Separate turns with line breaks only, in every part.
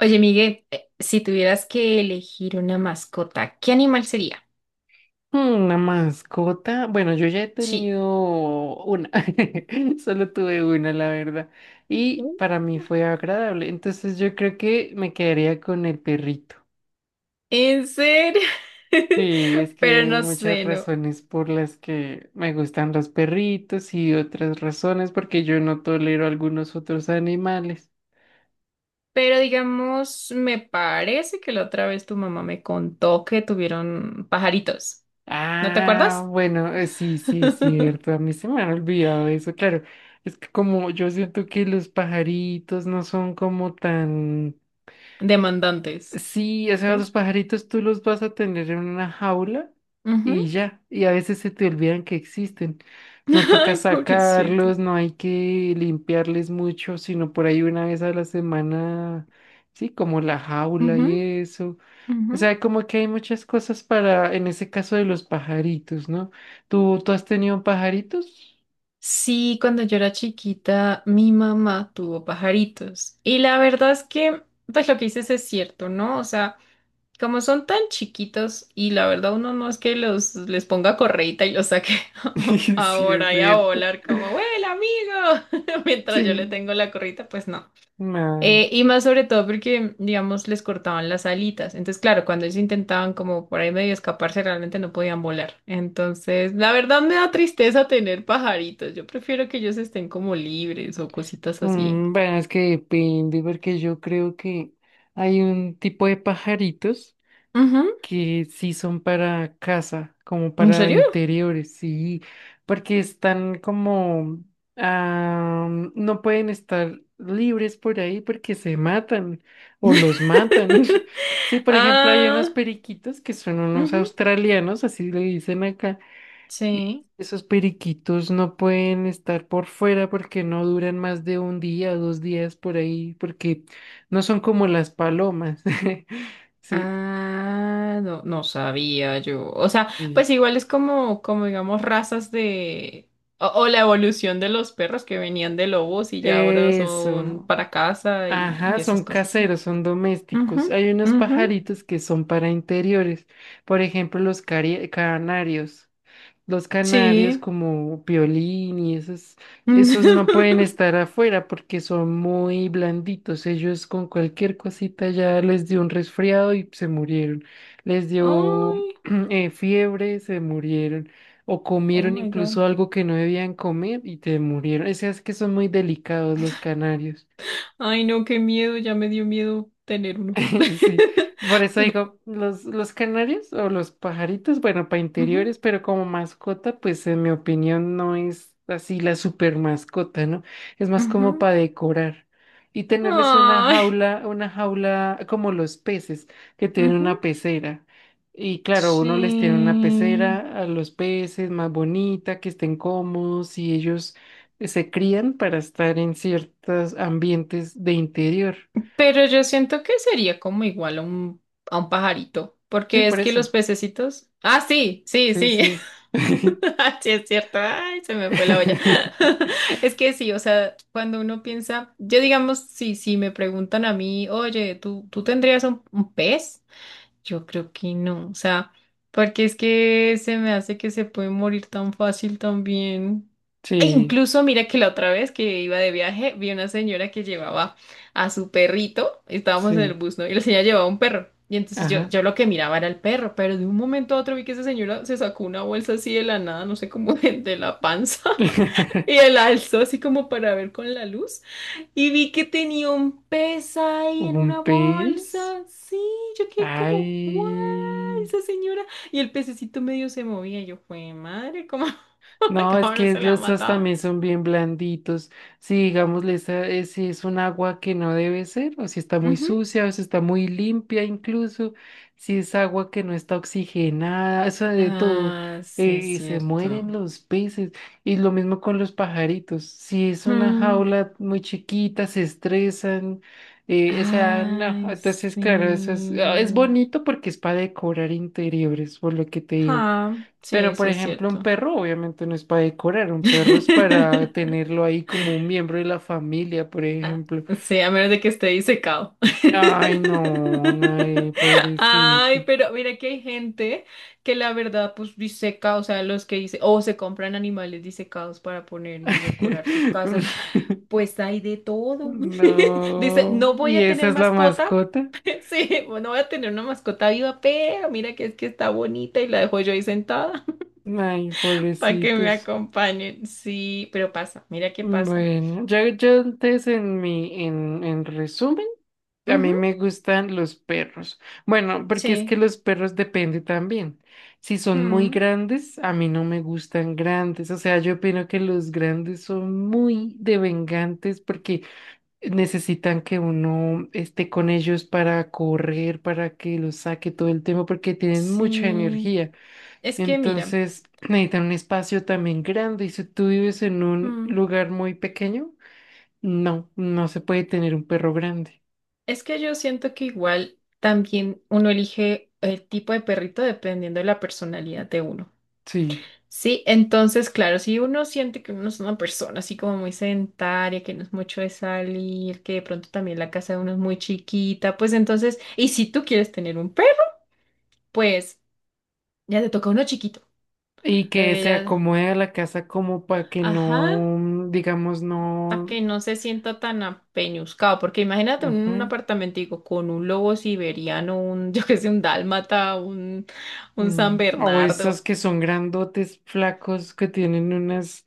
Oye, Miguel, si tuvieras que elegir una mascota, ¿qué animal sería?
Hmm, Una mascota. Bueno, yo ya he
Sí.
tenido una. Solo tuve una, la verdad. Y
¿Mm?
para mí fue agradable. Entonces yo creo que me quedaría con el perrito.
¿En serio?
Sí, es que
Pero
hay
no
muchas
sé, no.
razones por las que me gustan los perritos y otras razones porque yo no tolero algunos otros animales.
Pero digamos, me parece que la otra vez tu mamá me contó que tuvieron pajaritos. ¿No te
Ah,
acuerdas?
bueno, sí, sí, es cierto. A mí se me ha olvidado eso, claro. Es que como yo siento que los pajaritos no son como tan...
Demandantes.
Sí, o sea, los
Sí.
pajaritos tú los vas a tener en una jaula
Ujú.
y ya, y a veces se te olvidan que existen. No toca
Ay, pobrecito.
sacarlos, no hay que limpiarles mucho, sino por ahí una vez a la semana, sí, como la jaula
Ujú,
y eso. O
ujú.
sea, como que hay muchas cosas para, en ese caso de los pajaritos, ¿no? ¿Tú has tenido pajaritos?
Sí, cuando yo era chiquita, mi mamá tuvo pajaritos. Y la verdad es que, pues lo que dices es cierto, ¿no? O sea, como son tan chiquitos y la verdad uno no es que los les ponga correita y los saque
Sí, es
ahora y a
cierto.
volar como, ¡Vuela, amigo! Mientras yo le
Sí.
tengo la correita, pues no.
No.
Y más sobre todo porque, digamos, les cortaban las alitas. Entonces, claro, cuando ellos intentaban como por ahí medio escaparse, realmente no podían volar. Entonces, la verdad me da tristeza tener pajaritos. Yo prefiero que ellos estén como libres o cositas así.
Mm, bueno, es que depende, porque yo creo que hay un tipo de pajaritos
Ujú.
que sí son para casa, como
¿En
para
serio?
interiores, sí, porque están como, ah, no pueden estar libres por ahí porque se matan o los matan. Sí, por ejemplo, hay unos
Ah,
periquitos que son unos
ujú,
australianos, así le dicen acá, y
sí.
esos periquitos no pueden estar por fuera porque no duran más de un día o dos días por ahí, porque no son como las palomas. Sí,
Ah, no, no sabía yo. O sea,
sí.
pues igual es como, como digamos, razas de... O, o la evolución de los perros que venían de lobos y ya ahora son
Eso.
para casa y,
Ajá,
esas
son
cosas. Sí.
caseros, son domésticos.
Ujú,
Hay unos
ujú,
pajaritos que son para interiores, por ejemplo, los canarios. Los canarios,
sí.
como Piolín y esos, esos no pueden estar afuera porque son muy blanditos. Ellos con cualquier cosita ya les dio un resfriado y se murieron. Les dio
Ay,
fiebre, se murieron. O
oh
comieron
my God.
incluso algo que no debían comer y te murieron. O sea, es que son muy delicados los canarios.
Ay, no, qué miedo, ya me dio miedo tener uno.
Sí, por eso
No.
digo, los canarios o los pajaritos, bueno, para
Ujú,
interiores, pero como mascota, pues en mi opinión no es así la super mascota, ¿no? Es más como
ujú.
para decorar y tenerles
Ay,
una jaula como los peces que tienen
ujú,
una pecera. Y claro, uno les tiene una
sí.
pecera a los peces más bonita, que estén cómodos y ellos se crían para estar en ciertos ambientes de interior.
Pero yo siento que sería como igual a a un pajarito,
Sí,
porque
por
es que
eso.
los pececitos... Ah, sí, sí,
Sí,
sí,
sí.
sí es cierto, ay, se me fue la olla. Es que sí, o sea, cuando uno piensa, yo digamos, si me preguntan a mí, oye, ¿ tú tendrías un pez? Yo creo que no, o sea, porque es que se me hace que se puede morir tan fácil también. E
Sí,
incluso mira que la otra vez que iba de viaje, vi una señora que llevaba a su perrito, estábamos en el
sí.
bus, ¿no? Y la señora llevaba un perro. Y entonces
Ajá.
yo lo que miraba era el perro, pero de un momento a otro vi que esa señora se sacó una bolsa así de la nada, no sé cómo de la panza, y la alzó así como para ver con la luz. Y vi que tenía un pez ahí en
¿Un
una
pez?
bolsa. Sí, yo quedé como, ¡guau!
Ay.
Esa señora. Y el pececito medio se movía. Y yo, fue madre, ¿cómo,
No, es
cómo no
que
se le ha
los, esas
matado?
también son bien blanditos. Si digamos, esa, si es un agua que no debe ser, o si está muy
Ujú.
sucia, o si está muy limpia incluso, si es agua que no está oxigenada, eso de todo,
Ah, sí, es
se
cierto.
mueren los peces. Y lo mismo con los pajaritos. Si es una
Mm.
jaula muy chiquita, se estresan. O sea, no,
Ay,
entonces claro, eso es, es
sí.
bonito porque es para decorar interiores, por lo que te digo.
Ah, sí,
Pero,
sí,
por
es
ejemplo, un
cierto.
perro obviamente no es para decorar, un perro es para tenerlo ahí como un miembro de la familia, por ejemplo.
Sí, a menos de que esté disecado.
Ay, no, ay, pobrecito.
Ay, pero mira que hay gente que la verdad pues diseca, o sea, los que dice, o se compran animales disecados para poner y decorar sus casas, pues hay de todo. Dice,
No,
no voy
¿y
a
esa
tener
es la
mascota,
mascota?
sí, pues, no voy a tener una mascota viva, pero mira que es que está bonita y la dejo yo ahí sentada
Ay,
para que me
pobrecitos.
acompañen. Sí, pero pasa, mira qué pasa.
Bueno, yo antes en en resumen, a mí
Ujú,
me gustan los perros. Bueno, porque es
sí,
que los perros depende también. Si son muy
ujú,
grandes, a mí no me gustan grandes. O sea, yo opino que los grandes son muy devengantes porque necesitan que uno esté con ellos para correr, para que los saque todo el tiempo, porque tienen mucha
sí.
energía.
Es que mira,
Entonces necesitan un espacio también grande y si tú vives en un
mm,
lugar muy pequeño, no, no se puede tener un perro grande.
es que yo siento que igual también uno elige el tipo de perrito dependiendo de la personalidad de uno.
Sí.
Sí, entonces, claro, si uno siente que uno no es una persona así como muy sedentaria, que no es mucho de salir, que de pronto también la casa de uno es muy chiquita, pues entonces, y si tú quieres tener un perro, pues ya te toca uno chiquito.
Y que se
Ya,
acomode a la casa como para que no,
ajá.
mm, digamos,
A
no...
que no se sienta tan apeñuscado, porque imagínate un
Ujú,
apartamentico con un lobo siberiano, un, yo qué sé, un dálmata, un San
mm, o esas
Bernardo,
que son grandotes, flacos, que tienen unas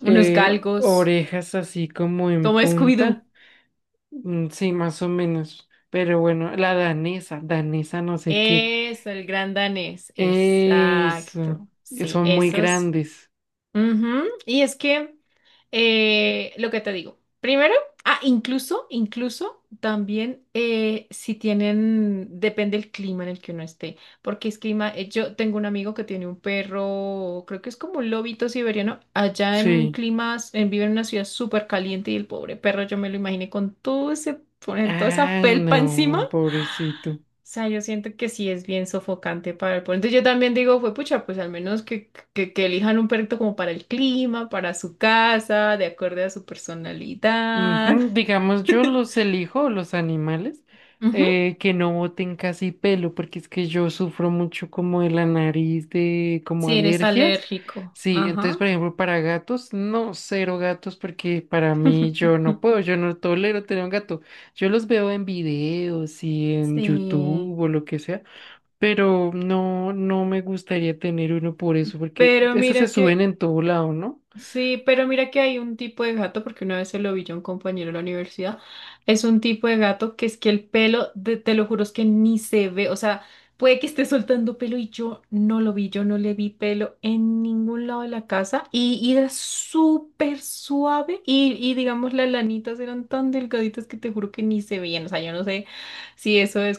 unos galgos,
orejas así como en
como Scooby-Doo.
punta. Mm, sí, más o menos. Pero bueno, la danesa, danesa no sé qué.
Eso, el gran danés,
Eso,
exacto. Sí,
son muy
esos.
grandes.
Ujú, y es que lo que te digo, primero, ah, incluso, incluso también si tienen, depende el clima en el que uno esté, porque es clima, yo tengo un amigo que tiene un perro, creo que es como un lobito siberiano, allá en un
Sí.
clima, s- en- vive en una ciudad súper caliente y el pobre perro, yo me lo imaginé con todo ese, con toda esa
Ah,
felpa encima
no, pobrecito.
sea, yo siento que sí es bien sofocante para el pueblo. Entonces yo también digo, fue pucha, pues al menos que elijan un perrito como para el clima, para su casa, de acuerdo a su personalidad.
Ujú, digamos, yo los elijo, los animales,
Ujú.
que no boten casi pelo, porque es que yo sufro mucho como de la nariz, de como
Si eres
alergias.
alérgico.
Sí, entonces,
Ajá.
por ejemplo, para gatos, no, cero gatos, porque para mí yo no puedo, yo no tolero tener un gato. Yo los veo en videos y en
Sí.
YouTube o lo que sea. Pero no, no me gustaría tener uno por eso, porque
Pero
esos se
mira
suben
que
en todo lado, ¿no?
sí, pero mira que hay un tipo de gato, porque una vez se lo vi yo a un compañero de la universidad, es un tipo de gato que es que el pelo, de- te lo juro, es que ni se ve, o sea, puede que esté soltando pelo y yo no lo vi, yo no le vi pelo en ningún lado de la casa y era súper suave y digamos las lanitas eran tan delgaditas que te juro que ni se veían, o sea, yo no sé si eso es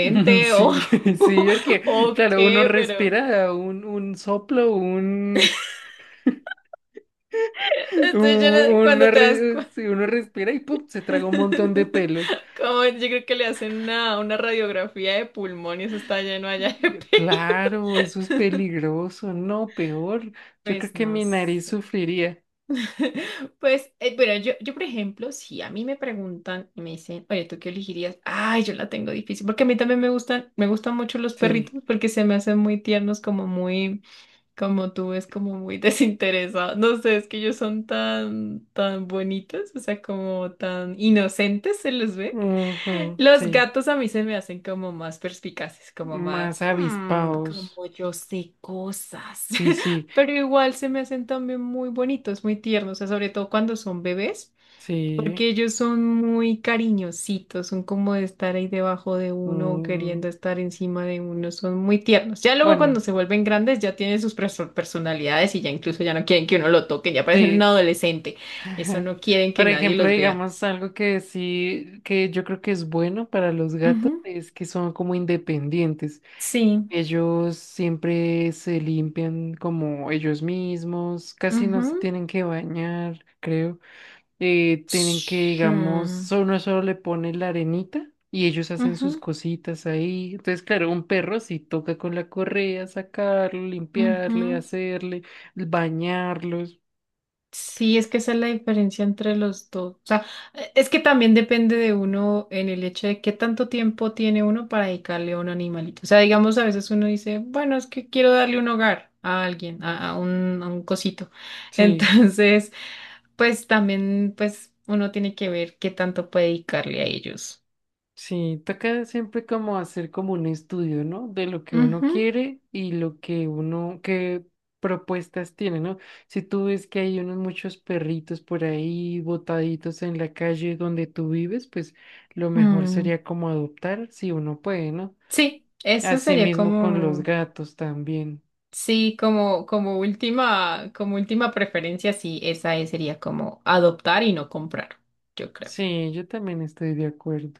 o,
Sí, sí, porque,
o
claro, uno
qué, pero...
respira un soplo, un,
Entonces, yo no- cuando te das cuenta.
sí, uno respira y ¡pum! Se traga un montón de pelos.
Como yo creo que le hacen una radiografía de pulmón y eso está lleno allá de pelo.
Claro, eso es peligroso, no, peor. Yo creo
Pues
que
no
mi nariz
sé.
sufriría.
Pues, bueno, yo, por ejemplo, si a mí me preguntan y me dicen, oye, ¿tú qué elegirías? Ay, yo la tengo difícil, porque a mí también me gustan mucho los
Sí,
perritos porque se me hacen muy tiernos, como muy... Como tú es como muy desinteresado. No sé, es que ellos son tan, tan bonitos, o sea, como tan inocentes se les ve.
ujú,
Los
sí,
gatos a mí se me hacen como más perspicaces, como más,
más
"Hmm,
avispados.
como yo sé cosas."
Sí, sí,
Pero igual se me hacen también muy bonitos, muy tiernos, o sea, sobre todo cuando son bebés.
sí.
Porque ellos son muy cariñositos, son como de estar ahí debajo de uno o
Mm,
queriendo estar encima de uno, son muy tiernos. Ya luego cuando
bueno,
se vuelven grandes ya tienen sus perso- personalidades y ya incluso ya no quieren que uno lo toque, ya parecen un
sí.
adolescente. Eso no quieren que
Por
nadie
ejemplo,
los vea.
digamos algo que sí, que yo creo que es bueno para los
Ujú,
gatos es que son como independientes.
sí.
Ellos siempre se limpian como ellos mismos, casi no se
Ujú,
tienen que bañar, creo. Tienen que,
sí.
digamos, solo uno solo le pone la arenita y ellos hacen sus
Ujú,
cositas ahí. Entonces, claro, un perro sí toca con la correa, sacarlo,
ujú,
limpiarle, hacerle bañarlos.
sí, es que esa es la diferencia entre los dos. O sea, e- es que también depende de uno en el hecho de qué tanto tiempo tiene uno para dedicarle a un animalito. O sea, digamos, a veces uno dice, bueno, es que quiero darle un hogar a alguien, a un cosito.
Sí,
Entonces, pues también, pues uno tiene que ver qué tanto puede dedicarle a ellos.
sí, toca siempre como hacer como un estudio, ¿no? De lo que
Ujú.
uno quiere y lo que uno, qué propuestas tiene, ¿no? Si tú ves que hay unos muchos perritos por ahí botaditos en la calle donde tú vives, pues lo mejor
Mm,
sería como adoptar si uno puede, ¿no?
sí, eso sería
Asimismo con los
como...
gatos también.
Sí, como, como última preferencia, sí, esa es- sería como adoptar y no comprar, yo creo.
Sí, yo también estoy de acuerdo.